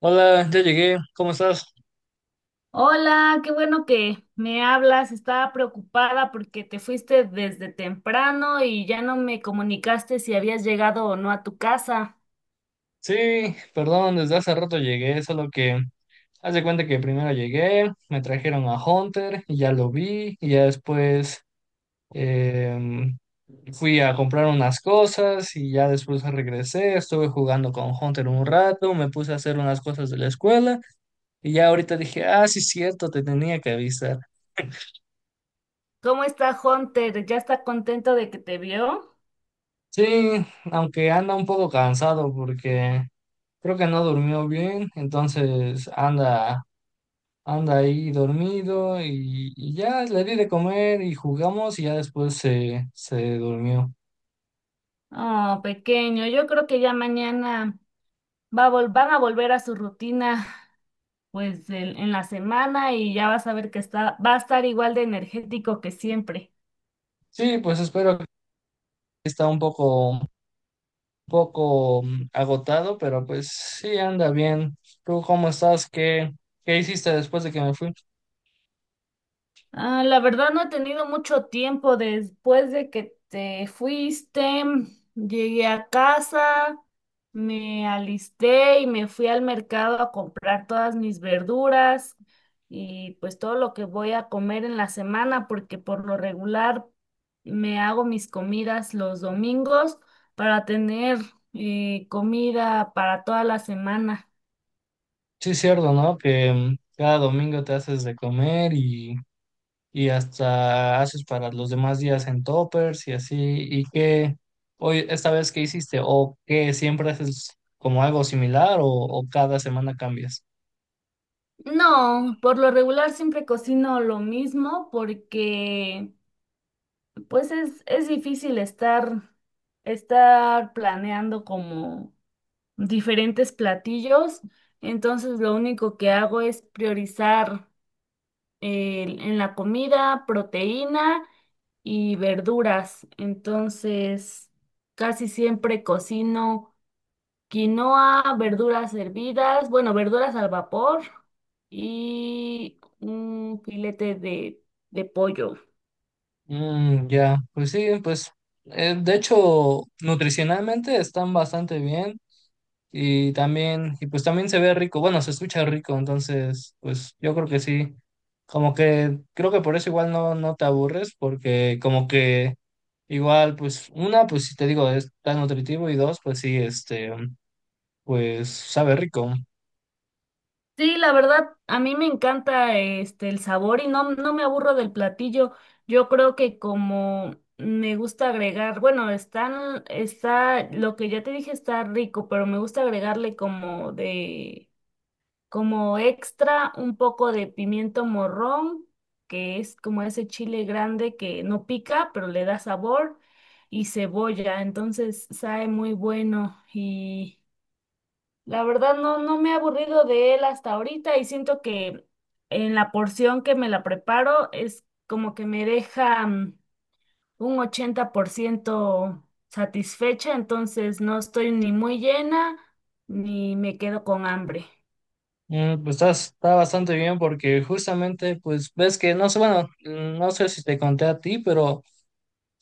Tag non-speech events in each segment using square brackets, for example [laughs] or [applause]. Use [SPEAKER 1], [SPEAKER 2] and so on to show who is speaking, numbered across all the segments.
[SPEAKER 1] Hola, ya llegué, ¿cómo estás?
[SPEAKER 2] Hola, qué bueno que me hablas. Estaba preocupada porque te fuiste desde temprano y ya no me comunicaste si habías llegado o no a tu casa.
[SPEAKER 1] Sí, perdón, desde hace rato llegué, solo que haz de cuenta que primero llegué, me trajeron a Hunter y ya lo vi, y ya después em, fui a comprar unas cosas y ya después regresé, estuve jugando con Hunter un rato, me puse a hacer unas cosas de la escuela y ya ahorita dije, ah, sí, cierto, te tenía que avisar.
[SPEAKER 2] ¿Cómo está Hunter? ¿Ya está contento de que te vio?
[SPEAKER 1] Sí, aunque anda un poco cansado porque creo que no durmió bien, entonces anda ahí dormido y ya le di de comer y jugamos y ya después se durmió.
[SPEAKER 2] Oh, pequeño, yo creo que ya mañana van a volver a su rutina, pues en la semana y ya vas a ver que va a estar igual de energético que siempre.
[SPEAKER 1] Sí, pues espero que está un poco agotado, pero pues sí anda bien. ¿Tú cómo estás? ¿Qué hiciste después de que me fui?
[SPEAKER 2] Ah, la verdad no he tenido mucho tiempo después de que te fuiste. Llegué a casa, me alisté y me fui al mercado a comprar todas mis verduras y pues todo lo que voy a comer en la semana, porque por lo regular me hago mis comidas los domingos para tener comida para toda la semana.
[SPEAKER 1] Sí, es cierto, ¿no? Que cada domingo te haces de comer y hasta haces para los demás días en toppers y así. ¿Y esta vez qué hiciste? ¿O qué siempre haces como algo similar o cada semana cambias?
[SPEAKER 2] No, por lo regular siempre cocino lo mismo porque pues es difícil estar planeando como diferentes platillos, entonces lo único que hago es priorizar en la comida proteína y verduras, entonces casi siempre cocino quinoa, verduras hervidas, bueno, verduras al vapor y un filete de pollo.
[SPEAKER 1] Ya, pues sí, pues de hecho nutricionalmente están bastante bien. Y también, y pues también se ve rico, bueno, se escucha rico. Entonces, pues yo creo que sí. Como que creo que por eso igual no, no te aburres, porque como que igual, pues, una, pues si te digo, es tan nutritivo, y dos, pues sí, este, pues sabe rico.
[SPEAKER 2] Sí, la verdad, a mí me encanta este el sabor y no, no me aburro del platillo. Yo creo que como me gusta agregar, bueno, lo que ya te dije está rico, pero me gusta agregarle como como extra un poco de pimiento morrón, que es como ese chile grande que no pica, pero le da sabor, y cebolla, entonces sabe muy bueno y la verdad no, no me he aburrido de él hasta ahorita y siento que en la porción que me la preparo es como que me deja un 80% satisfecha, entonces no estoy ni muy llena ni me quedo con hambre.
[SPEAKER 1] Pues está bastante bien porque justamente, pues ves que, no sé, bueno, no sé si te conté a ti, pero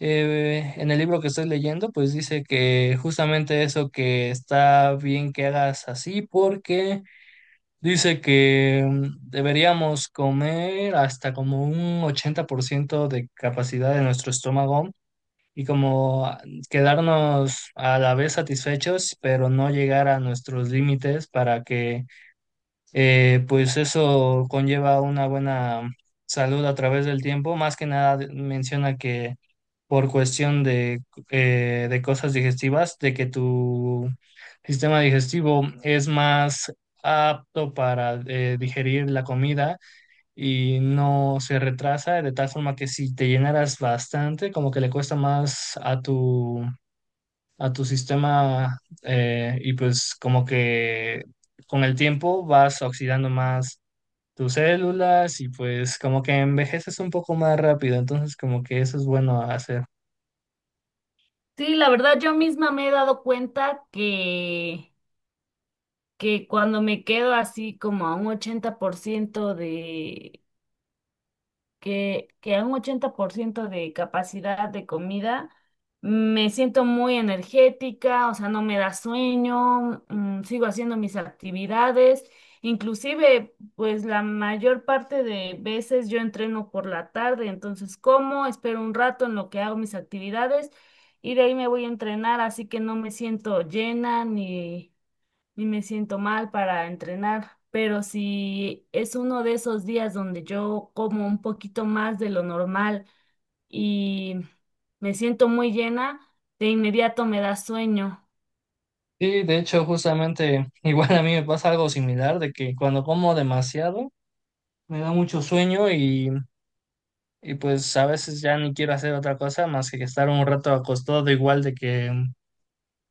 [SPEAKER 1] en el libro que estoy leyendo, pues dice que justamente eso que está bien que hagas así, porque dice que deberíamos comer hasta como un 80% de capacidad de nuestro estómago y como quedarnos a la vez satisfechos, pero no llegar a nuestros límites, para que pues eso conlleva una buena salud a través del tiempo. Más que nada menciona que por cuestión de, de cosas digestivas, de que tu sistema digestivo es más apto para digerir la comida y no se retrasa, de tal forma que si te llenaras bastante, como que le cuesta más a tu sistema, y pues como que con el tiempo vas oxidando más tus células y pues como que envejeces un poco más rápido, entonces como que eso es bueno hacer.
[SPEAKER 2] Sí, la verdad yo misma me he dado que cuando me quedo así como a un 80% que a un 80% de capacidad de comida me siento muy energética, o sea, no me da sueño, mm, sigo haciendo mis actividades, inclusive pues la mayor parte de veces yo entreno por la tarde, entonces como, espero un rato en lo que hago mis actividades y de ahí me voy a entrenar, así que no me siento llena y me siento mal para entrenar, pero si es uno de esos días donde yo como un poquito más de lo normal y me siento muy llena, de inmediato me da sueño.
[SPEAKER 1] Sí, de hecho, justamente [laughs] igual a mí me pasa algo similar, de que cuando como demasiado me da mucho sueño y pues a veces ya ni quiero hacer otra cosa más que estar un rato acostado, igual de que,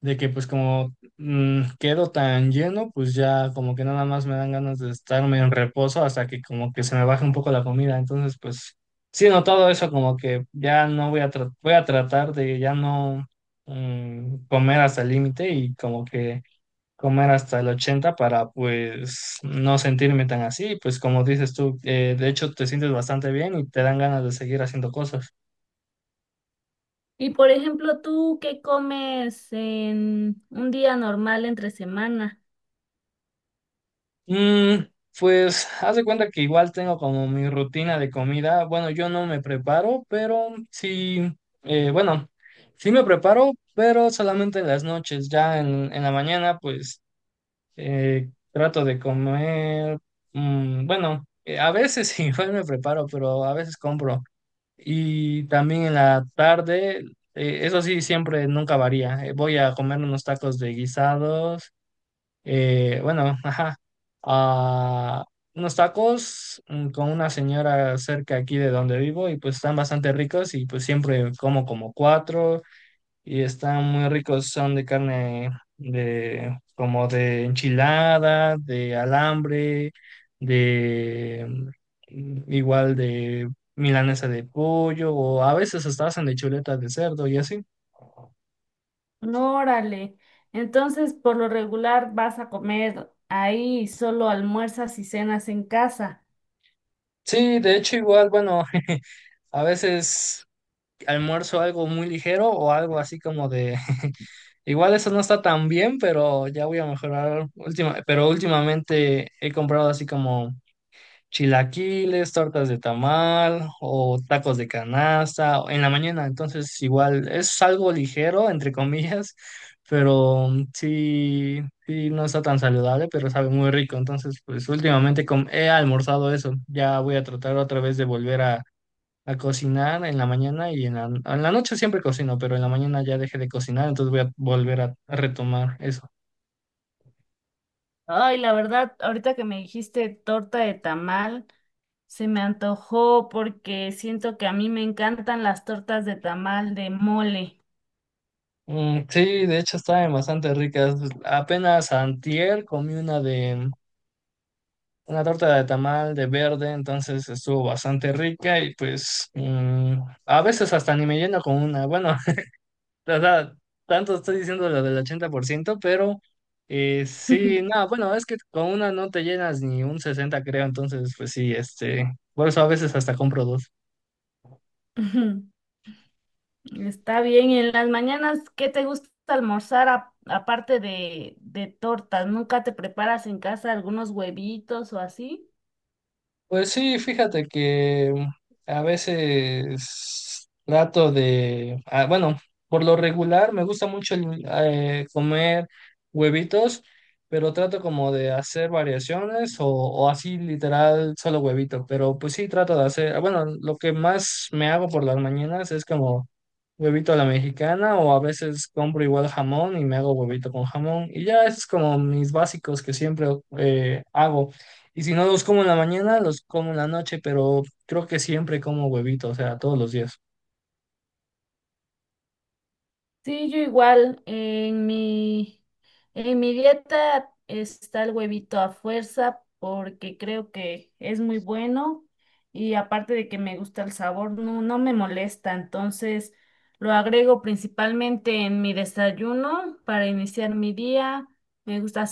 [SPEAKER 1] de que pues como quedo tan lleno, pues ya como que nada más me dan ganas de estarme en reposo hasta que como que se me baje un poco la comida. Entonces, pues sí he notado eso, como que ya no voy a tratar de ya no comer hasta el límite y como que comer hasta el 80 para pues no sentirme tan así, pues como dices tú, de hecho te sientes bastante bien y te dan ganas de seguir haciendo cosas.
[SPEAKER 2] Y por ejemplo, ¿tú qué comes en un día normal entre semana?
[SPEAKER 1] Mm, pues haz de cuenta que igual tengo como mi rutina de comida, bueno, yo no me preparo, pero sí, bueno, sí me preparo, pero solamente en las noches. Ya en la mañana, pues trato de comer, bueno, a veces [laughs] igual me preparo, pero a veces compro. Y también en la tarde, eso sí, siempre nunca varía. Voy a comer unos tacos de guisados. Bueno, [laughs] ajá. ah, unos tacos con una señora cerca aquí de donde vivo, y pues están bastante ricos, y pues siempre como como cuatro y están muy ricos. Son de carne, de como de enchilada, de alambre, de igual de milanesa de pollo, o a veces hasta hacen de chuleta de cerdo y así.
[SPEAKER 2] No, órale. Entonces, por lo regular vas a comer ahí, y solo almuerzas y cenas en casa.
[SPEAKER 1] Sí, de hecho igual, bueno, [laughs] a veces almuerzo algo muy ligero o algo así como de [laughs] igual eso no está tan bien, pero ya voy a mejorar pero últimamente he comprado así como chilaquiles, tortas de tamal o tacos de canasta o en la mañana. Entonces, igual es algo ligero, entre comillas, pero sí, sí no está tan saludable, pero sabe muy rico. Entonces, pues últimamente he almorzado eso. Ya voy a tratar otra vez de volver a cocinar en la mañana, y en la noche siempre cocino, pero en la mañana ya dejé de cocinar, entonces voy a volver a retomar eso.
[SPEAKER 2] Ay, la verdad, ahorita que me dijiste torta de tamal, se me antojó porque siento que a mí me encantan las tortas de tamal de mole.
[SPEAKER 1] Mm, sí, de hecho estaban bastante ricas. Apenas antier comí una torta de tamal de verde, entonces estuvo bastante rica, y pues a veces hasta ni me lleno con una. Bueno, [laughs] o sea, tanto estoy diciendo lo del 80%, pero
[SPEAKER 2] [laughs]
[SPEAKER 1] sí, no, bueno, es que con una no te llenas ni un sesenta, creo, entonces pues sí, este, por eso a veces hasta compro dos.
[SPEAKER 2] Ujú. Está bien, y en las mañanas, ¿qué te gusta almorzar aparte de tortas? ¿Nunca te preparas en casa algunos huevitos o así?
[SPEAKER 1] Pues sí, fíjate que a veces trato de, bueno, por lo regular me gusta mucho comer huevitos, pero trato como de hacer variaciones o así literal solo huevito, pero pues sí trato de hacer, bueno, lo que más me hago por las mañanas es como huevito a la mexicana, o a veces compro igual jamón y me hago huevito con jamón, y ya esos es como mis básicos que siempre hago. Y si no los como en la mañana, los como en la noche, pero creo que siempre como huevito, o sea, todos los días.
[SPEAKER 2] Sí, yo igual, en mi dieta está el huevito a fuerza porque creo que es muy bueno y aparte de que me gusta el sabor, no, no me molesta, entonces lo agrego principalmente en mi desayuno para iniciar mi día. Me gusta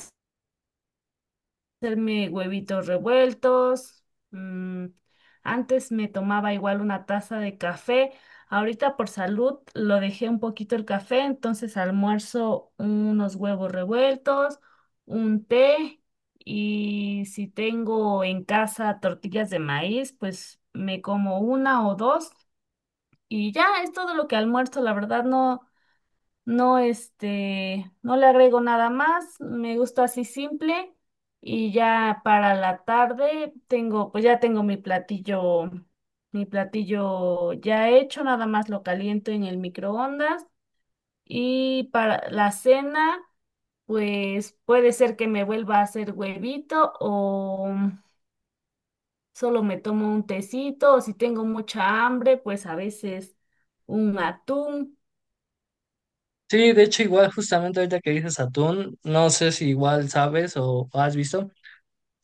[SPEAKER 2] hacerme huevitos revueltos. mm, Antes me tomaba igual una taza de café. Ahorita por salud lo dejé un poquito el café, entonces almuerzo unos huevos revueltos, un té y si tengo en casa tortillas de maíz, pues me como una o dos y ya es todo lo que almuerzo. La verdad no. No, este, no le agrego nada más, me gusta así simple y ya para la tarde tengo, pues ya tengo mi platillo ya hecho, nada más lo caliento en el microondas y para la cena, pues puede ser que me vuelva a hacer huevito o solo me tomo un tecito o si tengo mucha hambre, pues a veces un atún.
[SPEAKER 1] Sí, de hecho, igual justamente ahorita que dices atún, no sé si igual sabes o has visto,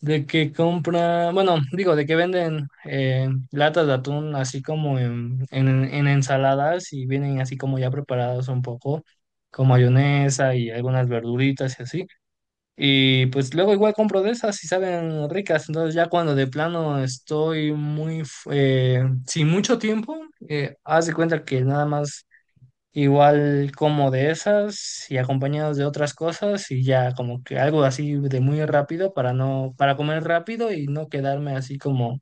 [SPEAKER 1] de que compra, bueno, digo, de que venden latas de atún así como en ensaladas y vienen así como ya preparados un poco, con mayonesa y algunas verduritas y así. Y pues luego igual compro de esas y saben ricas. Entonces ya cuando de plano estoy muy sin mucho tiempo, haz de cuenta que nada más igual como de esas y acompañados de otras cosas y ya como que algo así de muy rápido para no, para comer rápido y no quedarme así como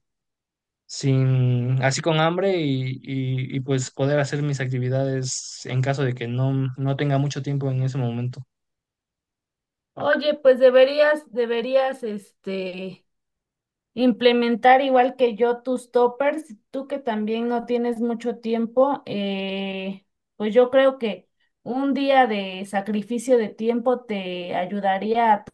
[SPEAKER 1] sin, así con hambre y pues poder hacer mis actividades en caso de que no, no tenga mucho tiempo en ese momento.
[SPEAKER 2] Oye, pues deberías, deberías, este, implementar igual que yo tus toppers, tú que también no tienes mucho tiempo, pues yo creo que un día de sacrificio de tiempo te ayudaría a tu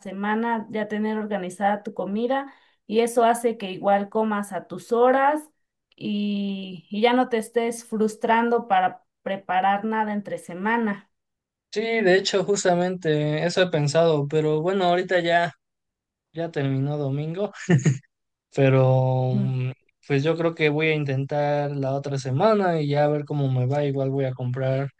[SPEAKER 2] semana ya tener organizada tu comida y eso hace que igual comas a tus horas y ya no te estés frustrando para preparar nada entre semana.
[SPEAKER 1] Sí, de hecho, justamente eso he pensado, pero bueno, ahorita ya, ya terminó domingo, pero
[SPEAKER 2] Ujú.
[SPEAKER 1] pues yo creo que voy a intentar la otra semana y ya a ver cómo me va. Igual voy a comprar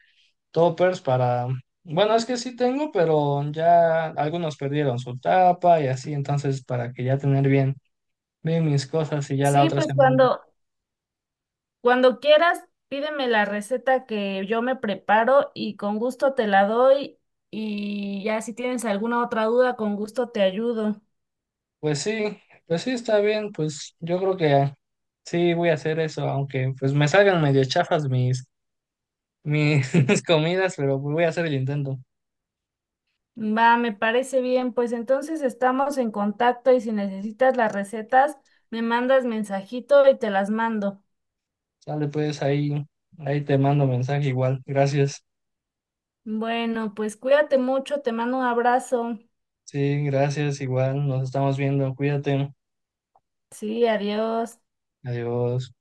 [SPEAKER 1] toppers para, bueno, es que sí tengo, pero ya algunos perdieron su tapa y así, entonces para que ya tener bien, bien mis cosas y ya la
[SPEAKER 2] Sí,
[SPEAKER 1] otra semana.
[SPEAKER 2] cuando quieras, pídeme la receta que yo me preparo y con gusto te la doy. Y ya si tienes alguna otra duda, con gusto te ayudo.
[SPEAKER 1] Pues sí, pues sí está bien, pues yo creo que sí voy a hacer eso, aunque pues me salgan medio chafas mis [laughs] comidas, pero pues voy a hacer el intento.
[SPEAKER 2] Va, me parece bien. Pues entonces estamos en contacto y si necesitas las recetas, me mandas mensajito y te las mando.
[SPEAKER 1] Sale, pues ahí, ahí te mando mensaje igual. Gracias.
[SPEAKER 2] Bueno, pues cuídate mucho, te mando un abrazo.
[SPEAKER 1] Sí, gracias igual. Nos estamos viendo. Cuídate.
[SPEAKER 2] Sí, adiós.
[SPEAKER 1] Adiós.